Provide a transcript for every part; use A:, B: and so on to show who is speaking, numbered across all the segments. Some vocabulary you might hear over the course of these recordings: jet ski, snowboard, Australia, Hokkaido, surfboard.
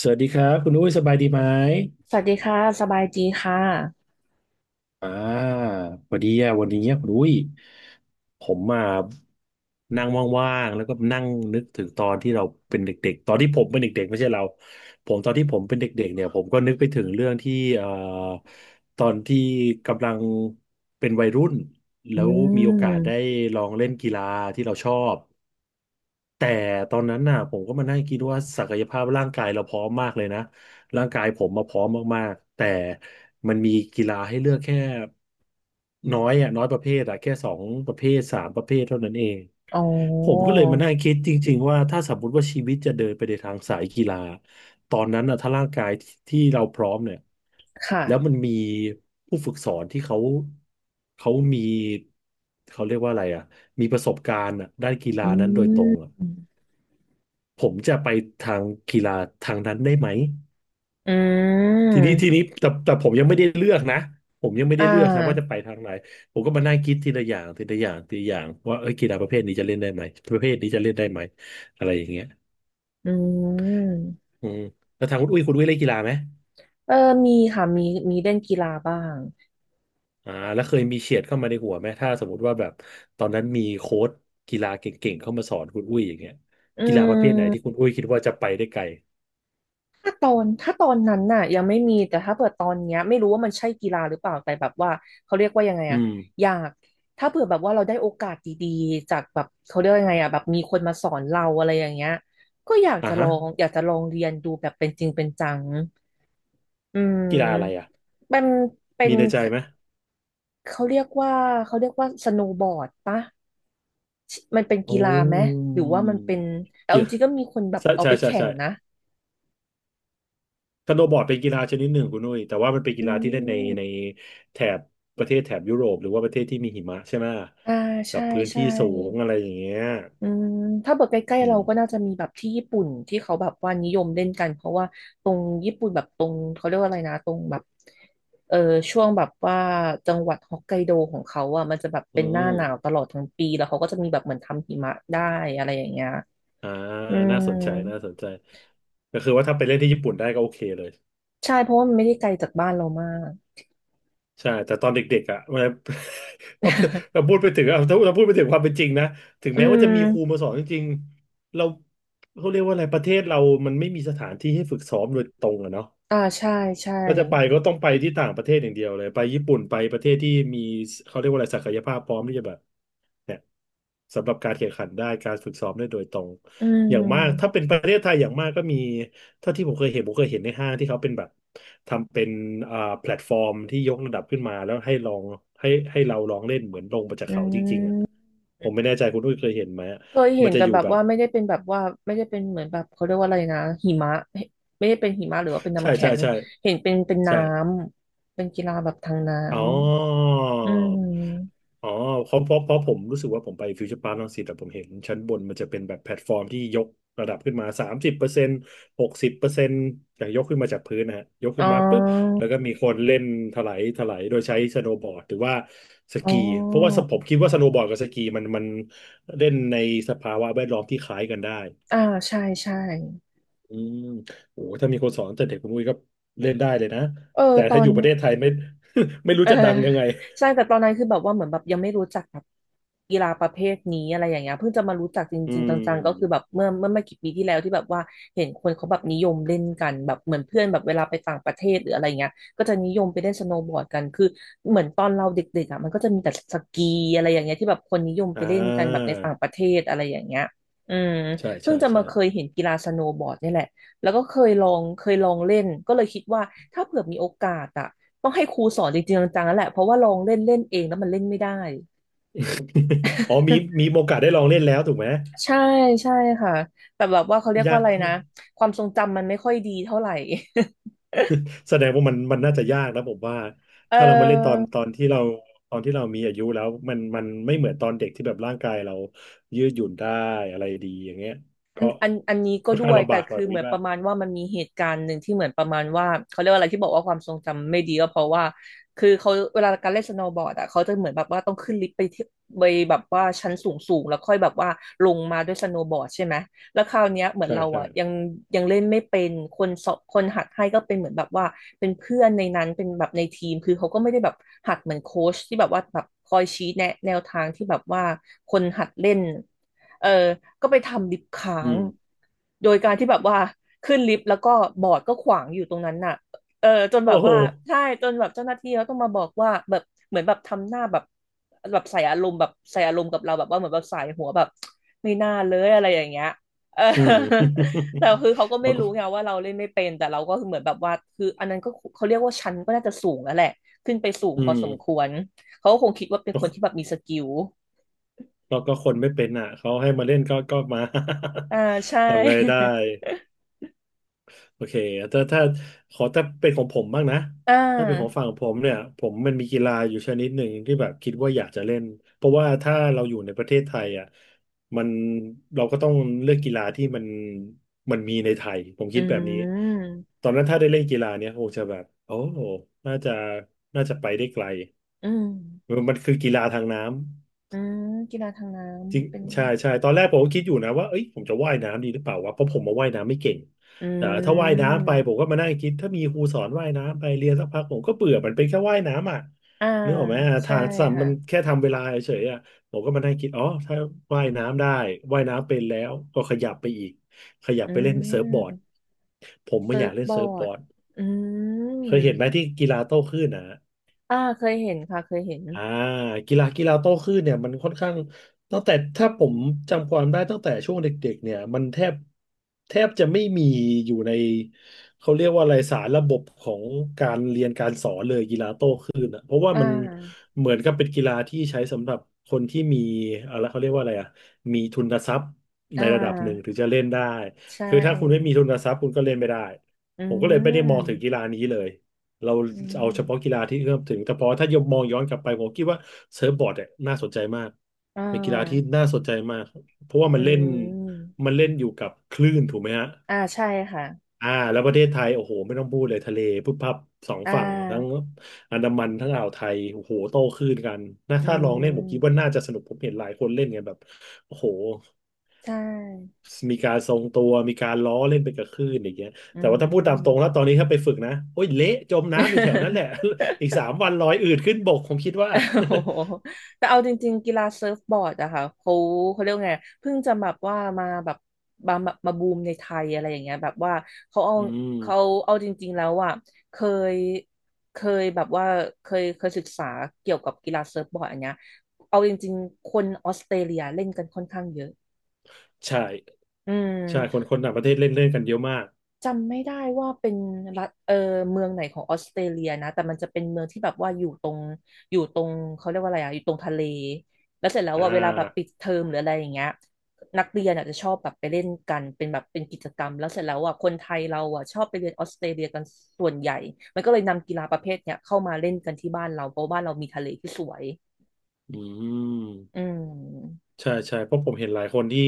A: สวัสดีครับคุณอุ้ยสบายดีไหม
B: สวัสดีค่ะ สบายดีค่ะ
A: อ่าพอดีอะวันนี้คุณอุ้ยผมมานั่งว่างๆแล้วก็นั่งนึกถึงตอนที่เราเป็นเด็กๆตอนที่ผมเป็นเด็กๆไม่ใช่เราผมตอนที่ผมเป็นเด็กๆเนี่ยผมก็นึกไปถึงเรื่องที่ตอนที่กำลังเป็นวัยรุ่น
B: อื
A: แล้วมีโอกาสได้
B: ม
A: ลองเล่นกีฬาที่เราชอบ แต่ตอนนั้นน่ะผมก็มานั่งคิดว่าศักยภาพร่างกายเราพร้อมมากเลยนะร่างกายผมมาพร้อมมากๆแต่มันมีกีฬาให้เลือกแค่น้อยอ่ะน้อยประเภทอ่ะแค่สองประเภทสามประเภทเท่านั้นเอง
B: อ๋อ
A: ผมก็เลยมานั่งคิดจริงๆว่าถ้าสมมติว่าชีวิตจะเดินไปในทางสายกีฬาตอนนั้นน่ะถ้าร่างกายที่เราพร้อมเนี่ยแล้ว
B: ค่ะ
A: มันมีผู้ฝึกสอนที่เขาเขามีเขาเรียกว่าอะไรอ่ะมีประสบการณ์อะด้านกีฬา
B: อื
A: นั้นโดยตรง
B: ม
A: อะ ผมจะไปทางกีฬาทางนั้นได้ไหม
B: อื
A: ที
B: ม
A: นี้ทีนี้แต่ผมยังไม่ได้เลือกนะผมยังไม่
B: อ่
A: ได้เลือกนะว่าจะ
B: า
A: ไปทางไหนผมก็มานั่งคิดทีละอย่างทีละอย่างทีละอย่างว่าเอ้ยกีฬาประเภทนี้จะเล่นได้ไหมประเภทนี้จะเล่นได้ไหมอะไรอย่างเงี้ย
B: อืม
A: อืมแล้วทางคุณอุ้ยคุณอุ้ยเล่นกีฬาไหม
B: เออมีค่ะมีเล่นกีฬาบ้าง
A: อ่าแล้วเคยมีเฉียดเข้ามาในหัวไหมถ้าสมมติว่าแบบตอนนั้นมีโค้ชกีฬาเก่งๆเข้ามาสอนคุณอุ้ยอย่างเงี้ย
B: อื
A: กีฬาประเภทไหนที่
B: ม
A: คุณอุ้ยคิดว่าจะไปได้ไกล
B: ถ้าตอนนั้นน่ะยังไม่มีแต่ถ้าเผื่อตอนเนี้ยไม่รู้ว่ามันใช่กีฬาหรือเปล่าแต่แบบว่าเขาเรียกว่ายังไง
A: อื
B: อะ
A: ม
B: อยากถ้าเผื่อแบบว่าเราได้โอกาสดีๆจากแบบเขาเรียกว่ายังไงอะแบบมีคนมาสอนเราอะไรอย่างเงี้ยก็อยาก
A: อ่า
B: จะล
A: ฮะ
B: องอยากจะลองเรียนดูแบบเป็นจริงเป็นจัง อื
A: กีฬาอะไรอ่ะ
B: มมันเป็
A: มี
B: น
A: ในใจไหม
B: เขาเรียกว่าเขาเรียกว่าสโนว์บอร์ดปะมันเป็น
A: โอ้
B: กีฬาไหมหรือว่ามันเป็นแต่เอา
A: กี
B: จ
A: ฬา
B: ริงๆก็มีคนแบบ
A: ใช่
B: เอา
A: ใช่
B: ไป
A: ใช่
B: แข่ง
A: ใช่
B: นะ
A: สโนว์บอร์ดเป็นกีฬาชนิดหนึ่งคุณนุ้ยแต่ว่ามันเป็นกี
B: อื
A: ฬาที่เล่นใน
B: ม
A: ในแถบประเทศแถบยุโรปหรือว่าประเทศที่มีหิมะใช่ไหม
B: อ่า
A: กับ
B: ใช่
A: พื้นที่
B: ใช่
A: สูงอะไรอย่างเงี้ย
B: อืมถ้าแบบใกล้
A: อื
B: ๆเรา
A: ม
B: ก็น่าจะมีแบบที่ญี่ปุ่นที่เขาแบบว่านิยมเล่นกันเพราะว่าตรงญี่ปุ่นแบบตรงเขาเรียกว่าอะไรนะตรงแบบเออช่วงแบบว่าจังหวัดฮอกไกโดของเขาอ่ะมันจะแบบ
A: อื
B: เป็นหน้า
A: ม
B: หนาวตลอดทั้งปีแล้วเขาก็จะมีแบบเหมือนทำหิมะได้อะไรอย่างเงี้ย
A: อ่า
B: อื
A: น่า
B: ม
A: สนใจน่าสนใจก็คือว่าถ้าไปเล่นที่ญี่ปุ่นได้ก็โอเคเลย
B: ใช่เพราะว่ามันไม่ได้ไกลจากบ้านเรามาก
A: ใช่แต่ตอนเด็กๆอ่ะเวลา เราพู ดไปถึงอ่ะถ้าเราพูดไปถึงความเป็นจริงนะถึง
B: อื
A: แม้ว่าจะมีครูมา
B: ม
A: สอนจริงๆเราเขาเรียกว่าอะไรประเทศเรามันไม่มีสถานที่ให้ฝึกซ้อมโดยตรงอะเนาะ
B: อ่าใช่ใช่
A: ถ้าจะไปก็ต้องไปที่ต่างประเทศอย่างเดียวเลยไปญี่ปุ่นไปประเทศที่มีเขาเรียกว่าอะไรศักยภาพพร้อมที่จะแบบ เนี่ยสำหรับการแข่งขันได้การฝึกซ้อมได้โดยตรง
B: อื
A: อย่างมากถ้า
B: ม
A: เป็นประเทศไทยอย่างมากก็มีเท่าที่ผมเคยเห็นผมเคยเห็นในห้างที่เขาเป็นแบบทำเป็นแพลตฟอร์มที่ยกระดับขึ้นมาแล้วให้ลองให้เราลองเล่นเหมือนลงมาจาก
B: อื
A: เขาจริงๆอ่ะ
B: ม
A: ผมไม่แน่ใจคุณอุ้ยเคยเห็นไหมอะ
B: เคยเห็
A: มัน
B: น
A: จะ
B: แต่
A: อยู่
B: แบบ
A: แบบ
B: ว่าไม่ได้เป็นแบบว่าไม่ได้เป็นเหมือนแบบเขาเรียกว่าอะไรนะหิมะไม่ได้เป็นหิมะหรือว่าเป็น
A: ใช่
B: น้ำแข็
A: ใช่
B: ง
A: ใช่
B: เห็นเป็นน้
A: ใช่
B: ำเป็นกีฬาแบบทางน้
A: อ๋อ
B: ำอืม
A: อ๋อเพราะผมรู้สึกว่าผมไปฟิวเจอร์พาร์ครังสิตแต่ผมเห็นชั้นบนมันจะเป็นแบบแพลตฟอร์มที่ยกระดับขึ้นมา30%60%อย่างยกขึ้นมาจากพื้นนะฮะยก
B: อ๋
A: ขึ้
B: อ
A: นมาปุ๊บแล้วก็มีคนเล่นถลายโดยใช้สโนว์บอร์ดหรือว่าส
B: อ๋อ
A: กีเพราะว่าสผมคิดว่าสโนว์บอร์ดกับสกีมันเล่นในสภาวะแวดล้อมที่คล้ายกันได้
B: อ่าใช่ใช่
A: อืมโอ้ถ้ามีคนสอนตั้งแต่เด็กคุณอุ้ยก็เล่นได้เลยนะ
B: เออ
A: แต่
B: ตอ
A: ถ้าอ
B: น
A: ยู่ประเทศไทยไม่ ไม่รู้
B: เออ
A: จะดังยังไง
B: ใช่แต่ตอนนั้นคือแบบว่าเหมือนแบบยังไม่รู้จักแบบกีฬาประเภทนี้อะไรอย่างเงี้ยเพิ่งจะมารู้จักจ
A: อื
B: ริงๆจังๆก็คือ
A: ม
B: แบบเมื่อไม่กี่ปีที่แล้วที่แบบว่าเห็นคนเขาแบบนิยมเล่นกันแบบเหมือนเพื่อนแบบเวลาไปต่างประเทศหรืออะไรเงี้ยก็จะนิยมไปเล่นสโนว์บอร์ดกันคือเหมือนตอนเราเด็กๆอ่ะมันก็จะมีแต่สกีอะไรอย่างเงี้ยที่แบบคนนิยม
A: อ่
B: ไปเล่นกันแบบใน
A: า
B: ต่างประเทศอะไรอย่างเงี้ยอืม
A: ใช่
B: เพิ่
A: ใช่
B: งจะ
A: ใช่
B: มาเคยเห็นกีฬาสโนว์บอร์ดนี่แหละ แล้วก็เคยลองเล่นก็เลยคิดว่าถ้าเผื่อมีโอกาสอะต้องให้ครูสอนจริงๆจังๆแล้วแหละเพราะว่าลองเล่นเล่นเองแล้วมันเล่นไม่ได้
A: อ๋อมี มีโอกาสได้ลองเล่นแล้วถูกไหม
B: ใช่ใช่ค่ะแต่แบบว่าเขาเรียก
A: ยา
B: ว่า
A: ก
B: อะไรนะความทรงจำมันไม่ค่อยดีเท่าไหร่
A: แสดงว่ามันน่าจะยากนะผมว่า
B: เ
A: ถ้าเรามาเล่นตอนต
B: ออ
A: อนที่เราตอนที่เรามีอายุแล้วมันไม่เหมือนตอนเด็กที่แบบร่างกายเรายืดหยุ่นได้อะไรดีอย่างเงี้ย
B: อั
A: ก็
B: นอันอันนี้ก็
A: ค่อน
B: ด้
A: ข้าง
B: วย
A: ลำบา
B: แต่
A: กหน่อย
B: คื
A: ผ
B: อ
A: ม
B: เหมื
A: คิด
B: อนป
A: ว่า
B: ระมาณว่ามันมีเหตุการณ์หนึ่งที่เหมือนประมาณว่าเขาเรียกว่าอะไรที่บอกว่าความทรงจำไม่ดีก็เพราะว่าคือเขาเวลาการเล่นสโนว์บอร์ดอ่ะเขาจะเหมือนแบบว่าต้องขึ้นลิฟต์ไปที่ไปแบบว่าชั้นสูงสูงแล้วค่อยแบบว่าลงมาด้วยสโนว์บอร์ดใช่ไหมแล้วคราวเนี้ยเหมือน
A: ใช่
B: เรา
A: ใช่
B: อ่ะยังเล่นไม่เป็นคนสอนคนหัดให้ก็เป็นเหมือนแบบว่าเป็นเพื่อนในนั้นเป็นแบบในทีมคือเขาก็ไม่ได้แบบหัดเหมือนโค้ชที่แบบว่าแบบคอยชี้แนะแนวทางที่แบบว่าคนหัดเล่น เออก็ไปทำลิฟต์ค้า
A: อื
B: ง
A: ม
B: โดยการที่แบบว่าขึ้นลิฟต์แล้วก็บอร์ดก็ขวางอยู่ตรงนั้นน่ะเออจน
A: โอ้
B: แบบ
A: โห
B: ว่าใช่จนแบบเจ้าหน้าที่เขาต้องมาบอกว่าแบบเหมือนแบบทำหน้าแบบใส่อารมณ์แบบใส่อารมณ์กับเราแบบว่าเหมือนแบบใส่หัวแบบไม่น่าเลยอะไรอย่างเงี้ย เออ
A: อืม
B: แต่คือเขาก็
A: แล้
B: ไม่
A: วก็
B: รู้ไงว่าเราเล่นไม่เป็นแต่เราก็คือเหมือนแบบว่าคืออันนั้นก็เขาเรียกว่าชั้นก็น่าจะสูงแล้วแหละขึ้นไปสูง
A: อื
B: พอสมค
A: ม
B: วรเขาก็คงคิดว่าเป็นคนที่แบบมีสกิล
A: ก็คนไม่เป็นอ่ะเขาให้มาเล่นก็มา
B: อ่าใช่
A: ทำไงได้ โอเคถ้าขอถ้าเป็นของผมบ้างนะ
B: อ่
A: ถ้าเป็นของ
B: า
A: ฝั่งผมเนี่ยผมมันมีกีฬาอยู่ชนิดหนึ่งที่แบบคิดว่าอยากจะเล่นเพราะว่าถ้าเราอยู่ในประเทศไทยอ่ะมันเราก็ต้องเลือกกีฬาที่มันมันมีในไทยผม
B: อื
A: คิดแบบนี้
B: ม
A: ตอนนั้นถ้าได้เล่นกีฬาเนี่ยคงจะแบบโอ้น่าจะน่าจะไปได้ไกล
B: อืม
A: มันคือกีฬาทางน้ำ
B: อืมกีฬาทางน้
A: จริง
B: ำเป็น
A: ใช่ใช่ตอนแรกผมก็คิดอยู่นะว่าเอ้ยผมจะว่ายน้ำดีหรือเปล่าวะเพราะผมมาว่ายน้ำไม่เก่ง
B: อื
A: แต่ถ้าว่าย
B: ม
A: น้ำไปผมก็มานั่งคิดถ้ามีครูสอนว่ายน้ำไปเรียนสักพักผมก็เบื่อมันเป็นแค่ว่ายน้ำอ่ะ
B: อ่า
A: นึกออกไหม
B: ใช่
A: ทางสัมมัน
B: ค่ะ
A: แค่ทำเวลาเฉยๆอ่ะผมก็มานั่งคิดอ๋อถ้าว่ายน้ำได้ว่ายน้ำเป็นแล้วก็ขยับไปอีกขยับ
B: อื
A: ไปเล่นเซิร์ฟบอร์
B: ม
A: ดผมไม่
B: เซิ
A: อยา
B: ร์
A: ก
B: ฟ
A: เล่น
B: บอ
A: เซิร์ฟบ
B: ร์
A: อ
B: ด
A: ร์ด
B: อื
A: เค
B: ม
A: ยเห็นไหมที่กีฬาโต้คลื่นนะ
B: อ่าเคยเห็นค่ะเคยเห็น
A: อ่ากีฬาโต้คลื่นเนี่ยมันค่อนข้างตั้งแต่ถ้าผมจำความได้ตั้งแต่ช่วงเด็กๆเนี่ยมันแทบจะไม่มีอยู่ในเขาเรียกว่าอะไรสารระบบของการเรียนการสอนเลยกีฬาโต้ อ่ะเพราะว่า
B: อ่
A: มัน
B: า
A: เหมือนกับเป็นกีฬาที่ใช้สำหรับคนที่มีอะไรเขาเรียกว่าอะไรอ่ะมีทุนทรัพย์
B: อ่
A: ในระดับหนึ่งถึ
B: า
A: งจะเล่นได้
B: ใช่
A: คือถ้าคุณไม่มีทุนทรัพย์คุณก็เล่นไม่ได้
B: อื
A: ผมก็เลยไม่ได้มองถึงกี
B: ม
A: ฬานี้เลยเรา
B: อื
A: เอาเฉพาะกี
B: ม
A: ฬาที่เอื้อมถึงแต่พอถ้ายมมองย้อนกลับไปผมคิดว่าเซิร์ฟบอร์ดเนี่ยน่าสนใจมาก
B: อ่
A: เป็นกีฬาที่
B: า
A: น่าสนใจมากเพราะว่ามั
B: อื
A: นเล่น
B: ม
A: มันเล่นอยู่กับคลื่นถูกไหมฮะ
B: อ่าใช่ค่ะ
A: อ่าแล้วประเทศไทยโอ้โหไม่ต้องพูดเลยทะเลพุบพับสอง
B: อ่
A: ฝั่งทั้ง
B: า
A: อันดามันทั้งอ่าวไทยโอ้โหโต้คลื่นกันนะ
B: อื
A: ถ้าลองเล่นผมคิดว่า
B: ม
A: น่าจะสนุกผมเห็นหลายคนเล่นกันแบบโอ้โห
B: ใช่
A: มีการทรงตัวมีการล้อเล่นไปกับคลื่นอย่างเงี้ย
B: อื
A: แต่ว่าถ้าพูดตาม
B: ม
A: ตรงแล้วตอนนี้ถ้าไปฝึกนะโอ้ยเละจมน้ำอยู่แถวนั้นแหละ อีก3 วันลอยอืดขึ้นบกผมคิดว่า
B: โอ้โหแต่เอาจริงๆกีฬาเซิร์ฟบอร์ดอะค่ะเขาเขาเรียกว่าไงเพิ่งจะแบบว่ามาแบบมาบูมในไทยอะไรอย่างเงี้ยแบบว่าเขาเอา
A: อืม
B: เขาจริงๆแล้วอะเคยเคยแบบว่าเคยศึกษาเกี่ยวกับกีฬาเซิร์ฟบอร์ดอันเนี้ยเอาจริงๆคนออสเตรเลียเล่นกันค่อนข้างเยอะ
A: ใช่
B: อื
A: ใช่ค
B: ม
A: นคนต่างประเทศเล่นเล่นกันเยอะมาก
B: จำไม่ได้ว่าเป็นรัฐเมืองไหนของออสเตรเลียนะแต่มันจะเป็นเมืองที่แบบว่าอยู่ตรงเขาเรียกว่าอะไรอ่ะอยู่ตรงทะเลแล้วเสร็จแล้ว
A: อ่า
B: ว่าเวลาแบบปิดเทอมหรืออะไรอย่างเงี้ยนักเรียนอาจจะชอบแบบไปเล่นกันเป็นแบบเป็นกิจกรรมแล้วเสร็จแล้วอ่ะคนไทยเราอ่ะชอบไปเรียนออสเตรเลียกันส่วนใหญ่มันก็เลยนำกีฬาประเภทเนี้ยเข้ามาเล่นกันที่บ้านเราเพราะบ้านเรามีทะเลที่สวย
A: อื
B: อื
A: ม
B: ม
A: ใช่ใช่เพราะผมเห็นหลายคนที่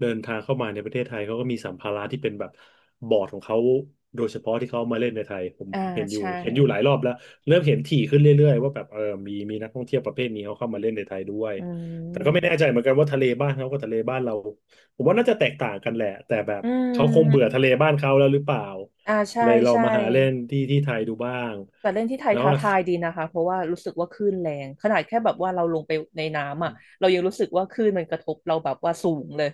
A: เดินทางเข้ามาในประเทศไทยเขาก็มีสัมภาระที่เป็นแบบบอร์ดของเขาโดยเฉพาะที่เขามาเล่นในไทยผม
B: อ่า
A: ผมเห็นอยู่
B: ใช่
A: เห็นอยู่หลายรอบแล้วเริ่มเห็นถี่ขึ้นเรื่อยๆว่าแบบเออมีนักท่องเที่ยวประเภทนี้เขาเข้ามาเล่นในไทยด้วย
B: อื
A: แต่ก็ไม่แน่ใจ
B: ม
A: เหมือนกันว่าทะเลบ้านเขากับทะเลบ้านเราผมว่าน่าจะแตกต่างกันแหละแต่แบบ
B: อื
A: เขาคงเบื่อทะเล
B: ม
A: บ้านเขาแล้วหรือเปล่า
B: อ่าใช่
A: เลยเรา
B: ใช่
A: มาหาเล่นที่ที่ไทยดูบ้าง
B: แต่เล่นที่ไทย
A: แล้ว
B: ท้าทายดีนะคะเพราะว่ารู้สึกว่าคลื่นแรงขนาดแค่แบบว่าเราลงไปในน้ำอ่ะเรายังรู้สึกว่าคลื่นมันกระทบเราแบบว่าสูงเลย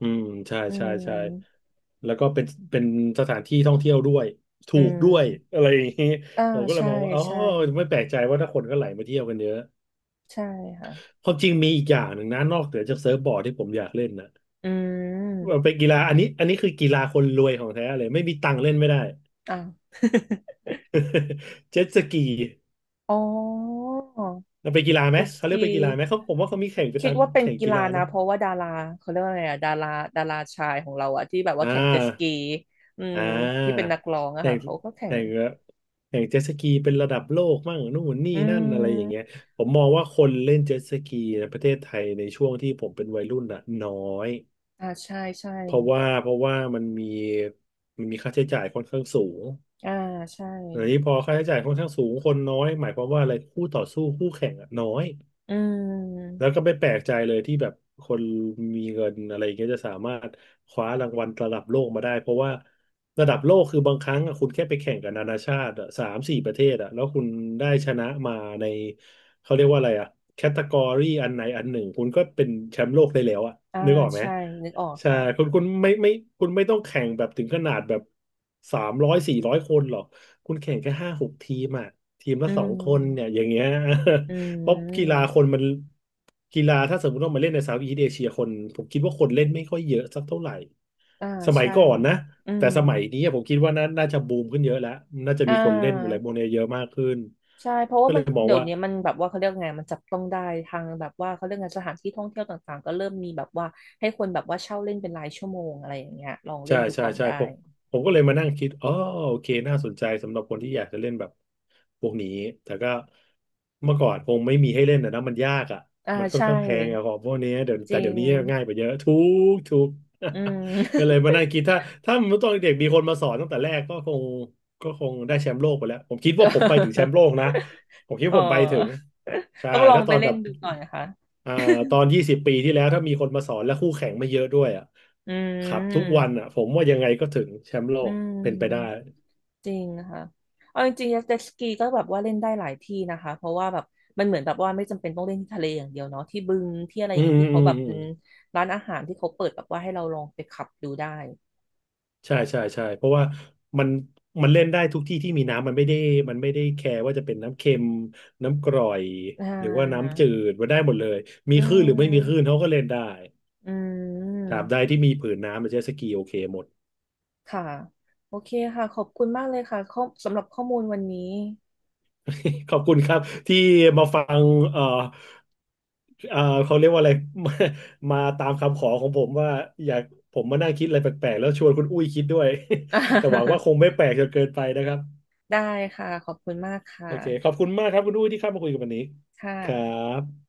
A: อืมใช่
B: อื
A: ใช่ใช่
B: ม
A: แล้วก็เป็นเป็นสถานที่ท่องเที่ยวด้วยถู
B: อื
A: กด้วย
B: ม
A: อะไรอย่างนี้
B: อ่า
A: ผมก็เลย
B: ใช่
A: มองว่าอ๋อ
B: ใช่
A: ไม่แปลกใจว่าถ้าคนก็ไหลมาเที่ยวกันเยอะ
B: ใช่ค่ะ
A: ความจริงมีอีกอย่างหนึ่งนะนอกเหนือจากเซิร์ฟบอร์ดที่ผมอยากเล่นนะ
B: อื
A: มั
B: ม
A: นเป็นกีฬาอันนี้คือกีฬาคนรวยของแท้เลยไม่มีตังค์เล่นไม่ได้
B: อ่า
A: เจ็ตสกี
B: อ๋อ
A: มันเป็นกีฬาไหม
B: เจส
A: เขาเรียก
B: กี
A: เป็นกีฬาไหมเขาผมว่าเขามีแข่งไป
B: คิ
A: ตา
B: ด
A: ม
B: ว่าเป็น
A: แข่ง
B: กี
A: กี
B: ฬา
A: ฬา
B: นะ
A: เนาะ
B: เพราะว่าดาราเขาเรียกว่าอะไรอะดาราชายของเราอะที่แบบว่า
A: อ่า
B: แข่งเจสกีอื
A: อ่
B: มที่เป็น
A: า
B: นักร้องอะ
A: แข่
B: ค่ะ
A: ง
B: เขาก็แข่
A: แข่
B: ง
A: งแบบแข่งเจ็ตสกีเป็นระดับโลกมั่งนู่นนี่
B: อื
A: นั่นอะไรอย่างเงี้ย
B: ม
A: ผมมองว่าคนเล่นเจ็ตสกีในประเทศไทยในช่วงที่ผมเป็นวัยรุ่นน่ะน้อย
B: อ่าใช่ใช่
A: เพราะว่ามันมีค่าใช้จ่ายค่อนข้างสูง
B: อ่าใช่
A: อันนี้พอค่าใช้จ่ายค่อนข้างสูงคนน้อยหมายความว่าอะไรคู่ต่อสู้คู่แข่งอะน้อย
B: อืม
A: แล้วก็ไม่แปลกใจเลยที่แบบคนมีเงินอะไรอย่างเงี้ยจะสามารถคว้ารางวัลระดับโลกมาได้เพราะว่าระดับโลกคือบางครั้งอะคุณแค่ไปแข่งกับนานาชาติอะสามสี่ประเทศอะแล้วคุณได้ชนะมาในเขาเรียกว่าอะไรอะแคตตากรีอันไหนอันหนึ่งคุณก็เป็นแชมป์โลกได้แล้วอะ
B: อ่า
A: นึกออกไหม
B: ใช่นึกออก
A: ใช่
B: ค่ะ
A: คุณคุณไม่ไม่คุณไม่ต้องแข่งแบบถึงขนาดแบบสามร้อยสี่ร้อยคนหรอกคุณแข่งแค่ห้าหกทีมอะทีมละ
B: อื
A: 2 คนเนี่ยอ
B: ม
A: ย่างเงี้ย
B: อื
A: เพราะกีฬาคน
B: ม
A: มันกีฬาถ้าสมมติว่ามาเล่นในเซาท์อีสต์เอเชียคนผมคิดว่าคนเล่นไม่ค่อยเยอะสักเท่าไหร่
B: อ่า
A: สมัย
B: ใช่
A: ก่อนนะ
B: อื
A: แต่
B: ม
A: สมัยนี้ผมคิดว่าน่าจะบูมขึ้นเยอะแล้วน่าจะ
B: อ่
A: มีคนเล่นอะไร
B: า
A: พวกนี้เยอะมากขึ้น
B: ใช่เพราะ
A: ก็
B: ว่า
A: เล
B: มัน
A: ยมอง
B: เดี๋ยว
A: ว่า
B: นี้มันแบบว่าเขาเรียกไงมันจับต้องได้ทางแบบว่าเขาเรียกไงสถานที่ท่องเที่ยวต่างๆก็เริ่มมีแบบว่าให้คนแบบว่าเช่าเล่นเป็นรายชั่วโมงอะไรอย่างเงี้ยลองเล่
A: ใช่
B: นดู
A: ใช่
B: ก่อน
A: ใช่
B: ได้
A: ผมก็เลยมานั่งคิดอ๋อโอเคน่าสนใจสำหรับคนที่อยากจะเล่นแบบพวกนี้แต่ก็เมื่อก่อนคงไม่มีให้เล่นนะมันยากอ่ะ
B: อ่า
A: มันค่อน
B: ใช่
A: ข้างแพงอะของพวกนี้เดี๋ยว
B: จ
A: แต่
B: ริ
A: เดี๋ย
B: ง
A: วนี้ง่ายไปเยอะทุกทุก
B: อืม
A: ก็เลยมานั่ งคิดถ้าถ้ามันตอนเด็กมีคนมาสอนตั้งแต่แรกก็คงได้แชมป์โลกไปแล้วผมคิดว่าผมไปถึงแชมป์โลกนะผมคิด
B: เอ
A: ว่าผมไปถึง
B: อ
A: ใช่
B: ต้องลอง
A: ถ้าต
B: ไป
A: อน
B: เล่
A: แบ
B: น
A: บ
B: ดูหน่อยค่ะ
A: อ่าตอน20 ปีที่แล้วถ้ามีคนมาสอนและคู่แข่งไม่เยอะด้วยอ่ะ
B: อื
A: ครับทุกวัน
B: ม
A: อ่ะผมว่ายังไงก็ถึงแชมป์โล
B: อื
A: กเป็นไปได้
B: มจริงค่ะเอาจริงๆเจ็ตสกีก็แบบว่าเล่นได้หลายที่นะคะเพราะว่าแบบมันเหมือนแบบว่าไม่จำเป็นต้องเล่นที่ทะเลอย่างเดียวเนาะที่บึงที่อะไรอ
A: อื
B: ย่าง
A: ม
B: นี้
A: อืม
B: ที่
A: อื
B: เขา
A: ม
B: แบบ
A: อื
B: อื
A: ม
B: มร้านอาหารที่เขาเปิดแบบว่าให้เราลองไปขับดูได้
A: ใช่ใช่ใช่เพราะว่ามันมันเล่นได้ทุกที่ที่มีน้ำมันไม่ได้มันไม่ได้แคร์ว่าจะเป็นน้ำเค็มน้ำกร่อย
B: อ่
A: หรือว่า
B: า
A: น้ำจืดมันได้หมดเลยมี
B: อื
A: คลื่นหรือไม่มีคลื่น
B: ม
A: เขาก็เล่นได้
B: อื
A: ต
B: ม
A: ราบใดที่มีผืนน้ำมันเจ็ตสกีโอเคหมด
B: ค่ะโอเคค่ะขอบคุณมากเลยค่ะข้อสำหรับข้อมูลวันนี้
A: ขอบคุณครับที่มาฟังเอ่อเอ่อเขาเรียกว่าอะไร มามาตามคำขอของผมว่าอยากผมมานั่งคิดอะไรแปลกๆแล้วชวนคุณอุ้ยคิดด้วย แต่หวังว่าคงไม่ แปลกจนเกินไปนะครับ
B: ได้ค่ะขอบคุณมากค
A: โอเคขอบ
B: ่ะ
A: คุณมากครับคุณอุ้ยที่เข้ามาคุยกับวันนี้
B: ค
A: ครั
B: ่ะ
A: บ